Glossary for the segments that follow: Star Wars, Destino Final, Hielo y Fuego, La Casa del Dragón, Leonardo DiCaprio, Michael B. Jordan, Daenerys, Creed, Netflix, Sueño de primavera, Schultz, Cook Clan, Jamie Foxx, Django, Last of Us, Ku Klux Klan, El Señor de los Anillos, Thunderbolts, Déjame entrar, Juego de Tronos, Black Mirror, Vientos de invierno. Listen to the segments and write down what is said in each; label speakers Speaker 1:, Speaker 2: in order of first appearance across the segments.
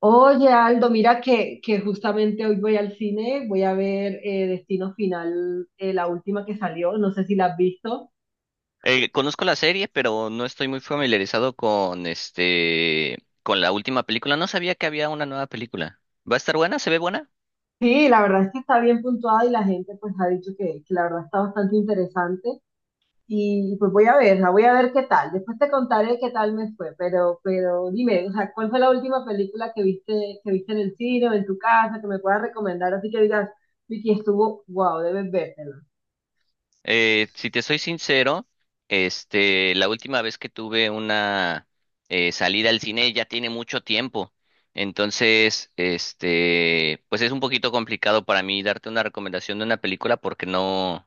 Speaker 1: Oye, Aldo, mira que justamente hoy voy al cine, voy a ver Destino Final, la última que salió, no sé si la has visto.
Speaker 2: Conozco la serie, pero no estoy muy familiarizado con con la última película. No sabía que había una nueva película. ¿Va a estar buena? ¿Se ve buena?
Speaker 1: Sí, la verdad es que está bien puntuada y la gente pues ha dicho que la verdad está bastante interesante y pues voy a verla, voy a ver qué tal. Después te contaré qué tal me fue, pero dime, o sea, ¿cuál fue la última película que viste en el cine o en tu casa que me puedas recomendar? Así que digas, Vicky, estuvo, wow, debes vértela.
Speaker 2: Si te soy sincero, la última vez que tuve una salida al cine ya tiene mucho tiempo. Entonces, este, pues es un poquito complicado para mí darte una recomendación de una película porque no.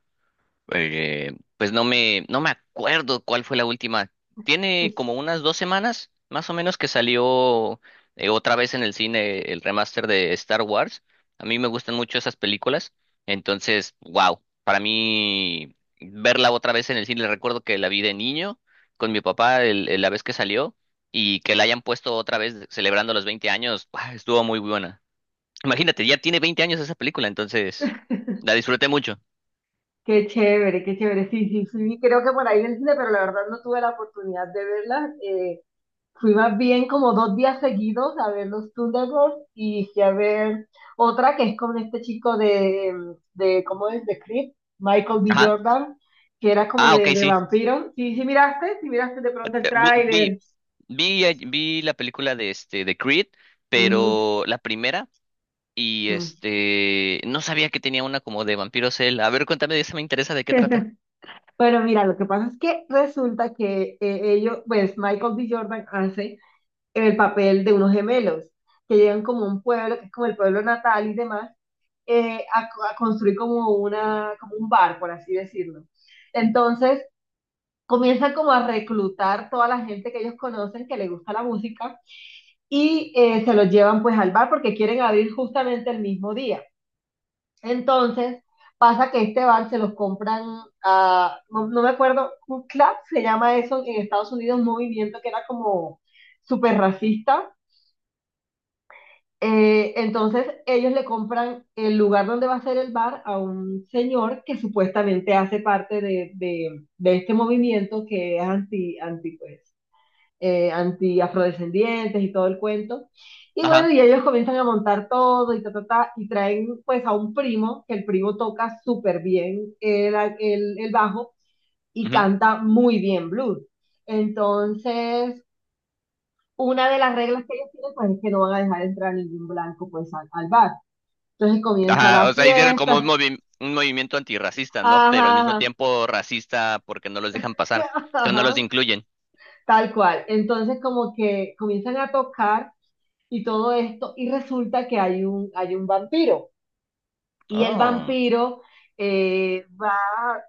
Speaker 2: Eh, pues no me acuerdo cuál fue la última. Tiene como unas dos semanas, más o menos, que salió otra vez en el cine el remaster de Star Wars. A mí me gustan mucho esas películas. Entonces, wow, para mí verla otra vez en el cine, recuerdo que la vi de niño con mi papá la vez que salió y que la hayan puesto otra vez celebrando los 20 años, ¡guau! Estuvo muy buena. Imagínate, ya tiene 20 años esa película, entonces la disfruté mucho.
Speaker 1: Qué chévere, qué chévere. Sí, sí, sí, sí, creo que por ahí en el cine, pero la verdad no tuve la oportunidad de verlas. Fui más bien como dos días seguidos a ver los Thunderbolts y fui a ver otra que es con este chico de ¿cómo es? De Creed, Michael B.
Speaker 2: Ajá.
Speaker 1: Jordan, que era como
Speaker 2: Ah, ok,
Speaker 1: de
Speaker 2: sí.
Speaker 1: vampiro. Sí, sí miraste de pronto el
Speaker 2: Vi, vi,
Speaker 1: tráiler.
Speaker 2: Vi la película de este de Creed,
Speaker 1: Ujú,
Speaker 2: pero la primera, y
Speaker 1: ujú.
Speaker 2: este no sabía que tenía una como de vampiros él. A ver, cuéntame, de esa me interesa de qué trata.
Speaker 1: Bueno, mira, lo que pasa es que resulta que ellos, pues Michael B. Jordan hace el papel de unos gemelos que llegan como un pueblo, que es como el pueblo natal y demás, a construir como, como un bar, por así decirlo. Entonces, comienzan como a reclutar toda la gente que ellos conocen que le gusta la música y se los llevan pues al bar porque quieren abrir justamente el mismo día. Entonces pasa que este bar se los compran a, no, no me acuerdo, un club se llama eso en Estados Unidos, un movimiento que era como súper racista. Entonces ellos le compran el lugar donde va a ser el bar a un señor que supuestamente hace parte de este movimiento que es anti-afrodescendientes y todo el cuento. Y bueno,
Speaker 2: Ajá.
Speaker 1: y ellos comienzan a montar todo y ta, ta, ta, y traen pues a un primo, que el primo toca súper bien el bajo y
Speaker 2: Ujú.
Speaker 1: canta muy bien blues. Entonces, una de las reglas que ellos tienen pues, es que no van a dejar entrar ningún blanco pues al bar. Entonces comienza
Speaker 2: Ajá,
Speaker 1: la
Speaker 2: o sea, hicieron como un
Speaker 1: fiesta,
Speaker 2: un movimiento antirracista, ¿no? Pero al
Speaker 1: ajá,
Speaker 2: mismo
Speaker 1: ajá,
Speaker 2: tiempo racista porque no los dejan pasar, entonces no los
Speaker 1: ajá,
Speaker 2: incluyen.
Speaker 1: tal cual. Entonces como que comienzan a tocar y todo esto y resulta que hay un vampiro. Y el
Speaker 2: Oh.
Speaker 1: vampiro va a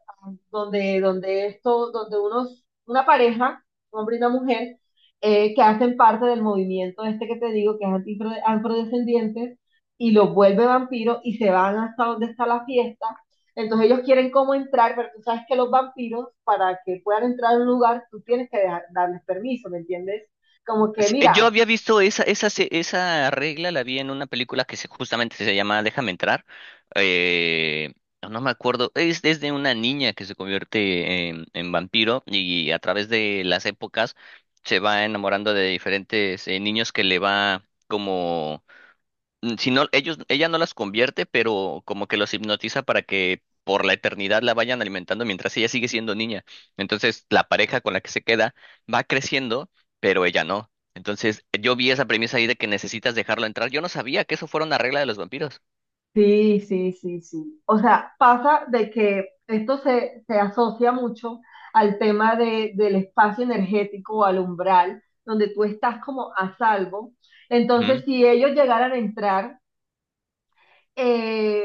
Speaker 1: donde una pareja, un hombre y una mujer, que hacen parte del movimiento este que te digo, que es anti- afrodescendientes, y los vuelve vampiro y se van hasta donde está la fiesta. Entonces ellos quieren cómo entrar, pero tú sabes que los vampiros, para que puedan entrar a un lugar, tú tienes que darles permiso, ¿me entiendes? Como que,
Speaker 2: Sí, yo
Speaker 1: mira,
Speaker 2: había visto esa regla, la vi en una película que se, justamente se llama Déjame Entrar. Eh, no no me acuerdo, es de una niña que se convierte en vampiro y a través de las épocas se va enamorando de diferentes niños que le va como mm, si no, ellos, ella no las convierte, pero como que los hipnotiza para que por la eternidad la vayan alimentando mientras ella sigue siendo niña. Entonces, la pareja con la que se queda va creciendo, pero ella no. Entonces, yo vi esa premisa ahí de que necesitas dejarlo entrar. Yo no sabía que eso fuera una regla de los vampiros.
Speaker 1: sí, sí, sí, sí. O sea, pasa de que se asocia mucho al tema del espacio energético o al umbral, donde tú estás como a salvo. Entonces, si ellos llegaran a entrar, eh,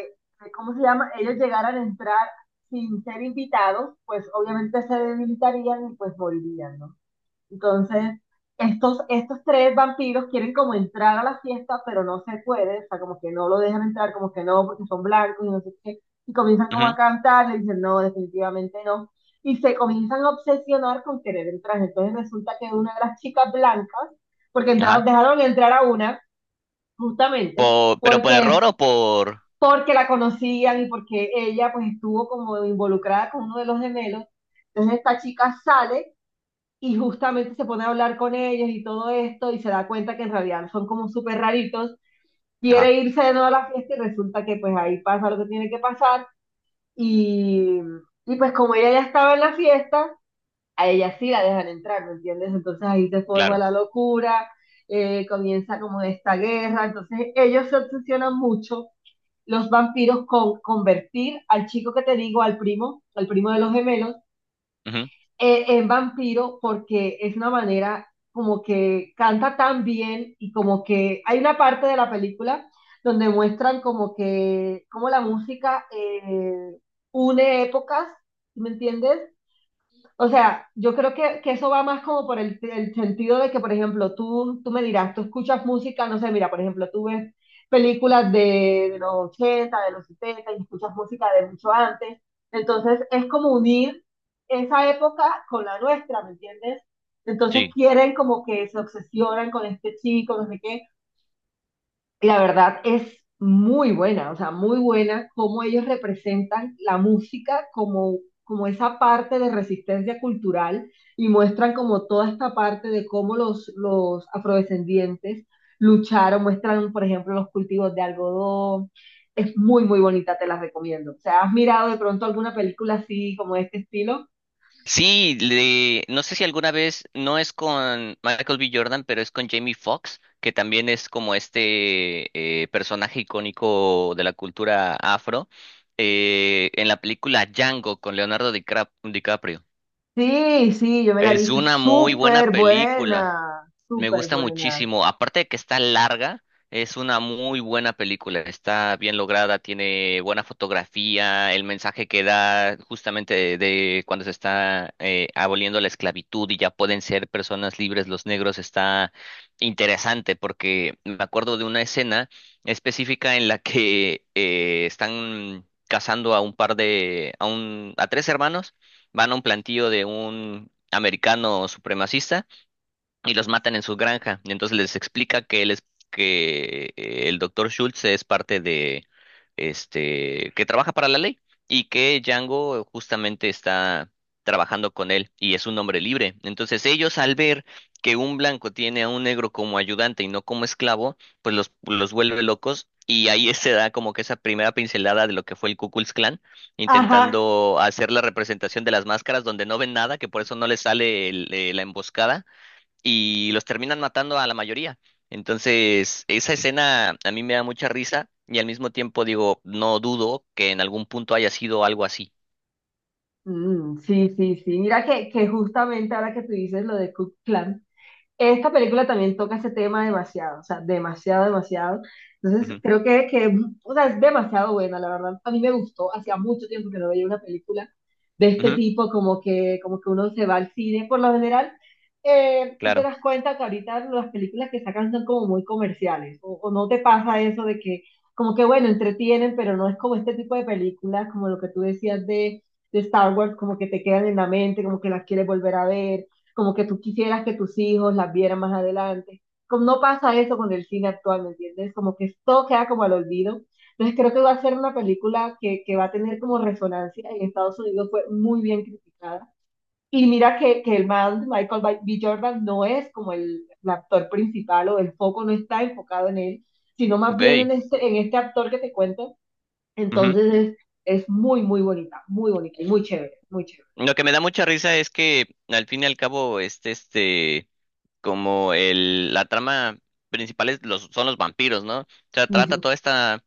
Speaker 1: ¿cómo se llama? Ellos llegaran a entrar sin ser invitados, pues obviamente se debilitarían y pues morirían, ¿no? Entonces, estos tres vampiros quieren como entrar a la fiesta, pero no se puede, o sea, como que no lo dejan entrar, como que no, porque son blancos y no sé qué, y comienzan
Speaker 2: Ujú,
Speaker 1: como
Speaker 2: ujú,
Speaker 1: a cantar, le dicen, no, definitivamente no, y se comienzan a obsesionar con querer entrar. Entonces resulta que una de las chicas blancas, porque entraron,
Speaker 2: ajá.
Speaker 1: dejaron entrar a una, justamente,
Speaker 2: Pero ¿por
Speaker 1: porque,
Speaker 2: error o por...?
Speaker 1: porque la conocían y porque ella pues estuvo como involucrada con uno de los gemelos, entonces esta chica sale y justamente se pone a hablar con ellos y todo esto y se da cuenta que en realidad son como súper raritos, quiere
Speaker 2: Ajá,
Speaker 1: irse de nuevo a la fiesta y resulta que pues ahí pasa lo que tiene que pasar y, y pues como ella ya estaba en la fiesta, a ella sí la dejan entrar, ¿me entiendes? Entonces ahí se forma
Speaker 2: claro.
Speaker 1: la locura, comienza como esta guerra, entonces ellos se obsesionan mucho los vampiros con convertir al chico que te digo, al primo de los gemelos,
Speaker 2: Ujú.
Speaker 1: en vampiro porque es una manera como que canta tan bien y como que hay una parte de la película donde muestran como que, como la música une épocas, ¿me entiendes? O sea, yo creo que eso va más como por el sentido de que, por ejemplo, tú me dirás, tú escuchas música, no sé, mira, por ejemplo, tú ves películas de los 80 de los 70 y escuchas música de mucho antes. Entonces, es como unir esa época con la nuestra, ¿me entiendes? Entonces
Speaker 2: Sí.
Speaker 1: quieren como que se obsesionan con este chico, no sé qué, la verdad es muy buena, o sea, muy buena cómo ellos representan la música como, como esa parte de resistencia cultural y muestran como toda esta parte de cómo los afrodescendientes lucharon, muestran, por ejemplo, los cultivos de algodón. Es muy, muy bonita, te la recomiendo. O sea, ¿has mirado de pronto alguna película así, como de este estilo?
Speaker 2: Sí, le, no sé si alguna vez, no es con Michael B. Jordan, pero es con Jamie Foxx, que también es como este personaje icónico de la cultura afro, en la película Django con Leonardo DiCaprio.
Speaker 1: Sí, sí, yo me la he
Speaker 2: Es
Speaker 1: visto, es
Speaker 2: una muy buena
Speaker 1: súper
Speaker 2: película.
Speaker 1: buena,
Speaker 2: Me
Speaker 1: súper
Speaker 2: gusta
Speaker 1: buena.
Speaker 2: muchísimo. Aparte de que está larga, es una muy buena película. Está bien lograda, tiene buena fotografía, el mensaje que da justamente de cuando se está aboliendo la esclavitud y ya pueden ser personas libres los negros está interesante porque me acuerdo de una escena específica en la que están cazando a un par de, a un, a tres hermanos, van a un plantío de un americano supremacista y los matan en su granja. Y entonces les explica que él es, que el doctor Schultz es parte de, este, que trabaja para la ley y que Django justamente está trabajando con él y es un hombre libre. Entonces ellos al ver que un blanco tiene a un negro como ayudante y no como esclavo, pues los vuelve locos. Y ahí se da como que esa primera pincelada de lo que fue el Ku Klux Klan,
Speaker 1: Ajá.
Speaker 2: intentando hacer la representación de las máscaras donde no ven nada, que por eso no les sale la emboscada, y los terminan matando a la mayoría. Entonces, esa escena a mí me da mucha risa y al mismo tiempo digo, no dudo que en algún punto haya sido algo así.
Speaker 1: Mm, sí, sí, sí. Mira que justamente ahora que tú dices lo de Cook Clan. Esta película también toca ese tema demasiado, o sea, demasiado, demasiado. Entonces,
Speaker 2: Ujú,
Speaker 1: creo o sea, es demasiado buena, la verdad. A mí me gustó, hacía mucho tiempo que no veía una película de este
Speaker 2: ujú,
Speaker 1: tipo, como que uno se va al cine. Por lo general, tú te
Speaker 2: claro,
Speaker 1: das cuenta que ahorita las películas que sacan son como muy comerciales, o no te pasa eso de que, como que, bueno, entretienen, pero no es como este tipo de películas, como lo que tú decías de Star Wars, como que te quedan en la mente, como que las quieres volver a ver como que tú quisieras que tus hijos las vieran más adelante. Como no pasa eso con el cine actual, ¿me entiendes? Como que todo queda como al olvido. Entonces creo que va a ser una película que va a tener como resonancia. En Estados Unidos fue muy bien criticada. Y mira que el man Michael B. Jordan no es como el actor principal o el foco no está enfocado en él, sino más bien
Speaker 2: ok.
Speaker 1: en este actor que te cuento.
Speaker 2: Ujú.
Speaker 1: Entonces es muy, muy bonita y muy chévere, muy chévere.
Speaker 2: Lo que me da mucha risa es que al fin y al cabo, como el, la trama principal es los, son los vampiros, ¿no? O sea, trata toda esta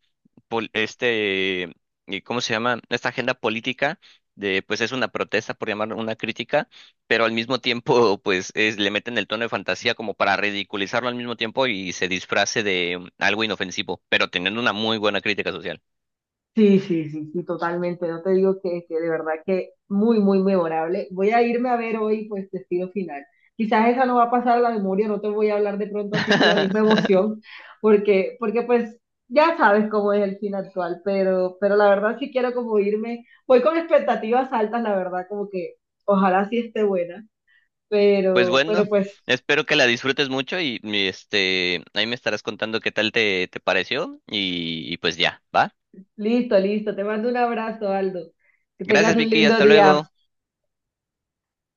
Speaker 2: pol- este, ¿cómo se llama? Esta agenda política de, pues es una protesta, por llamar una crítica, pero al mismo tiempo, pues es, le meten el tono de fantasía como para ridiculizarlo al mismo tiempo y se disfrace de mm, algo inofensivo, pero teniendo una muy buena crítica social.
Speaker 1: Sí, sí, sí, sí, totalmente. No te digo que de verdad que muy, muy memorable. Voy a irme a ver hoy, pues, Destino Final. Quizás esa no va a pasar a la memoria, no te voy a hablar de pronto así con la misma emoción, porque pues ya sabes cómo es el cine actual, pero la verdad sí quiero como irme, voy con expectativas altas, la verdad, como que ojalá sí esté buena,
Speaker 2: Pues
Speaker 1: pero, pero
Speaker 2: bueno,
Speaker 1: pues
Speaker 2: espero que la disfrutes mucho y mi, este, ahí me estarás contando qué tal te, te pareció y pues ya, ¿va?
Speaker 1: listo, listo. Te mando un abrazo, Aldo. Que tengas
Speaker 2: Gracias,
Speaker 1: un
Speaker 2: Vicky,
Speaker 1: lindo
Speaker 2: hasta
Speaker 1: día.
Speaker 2: luego.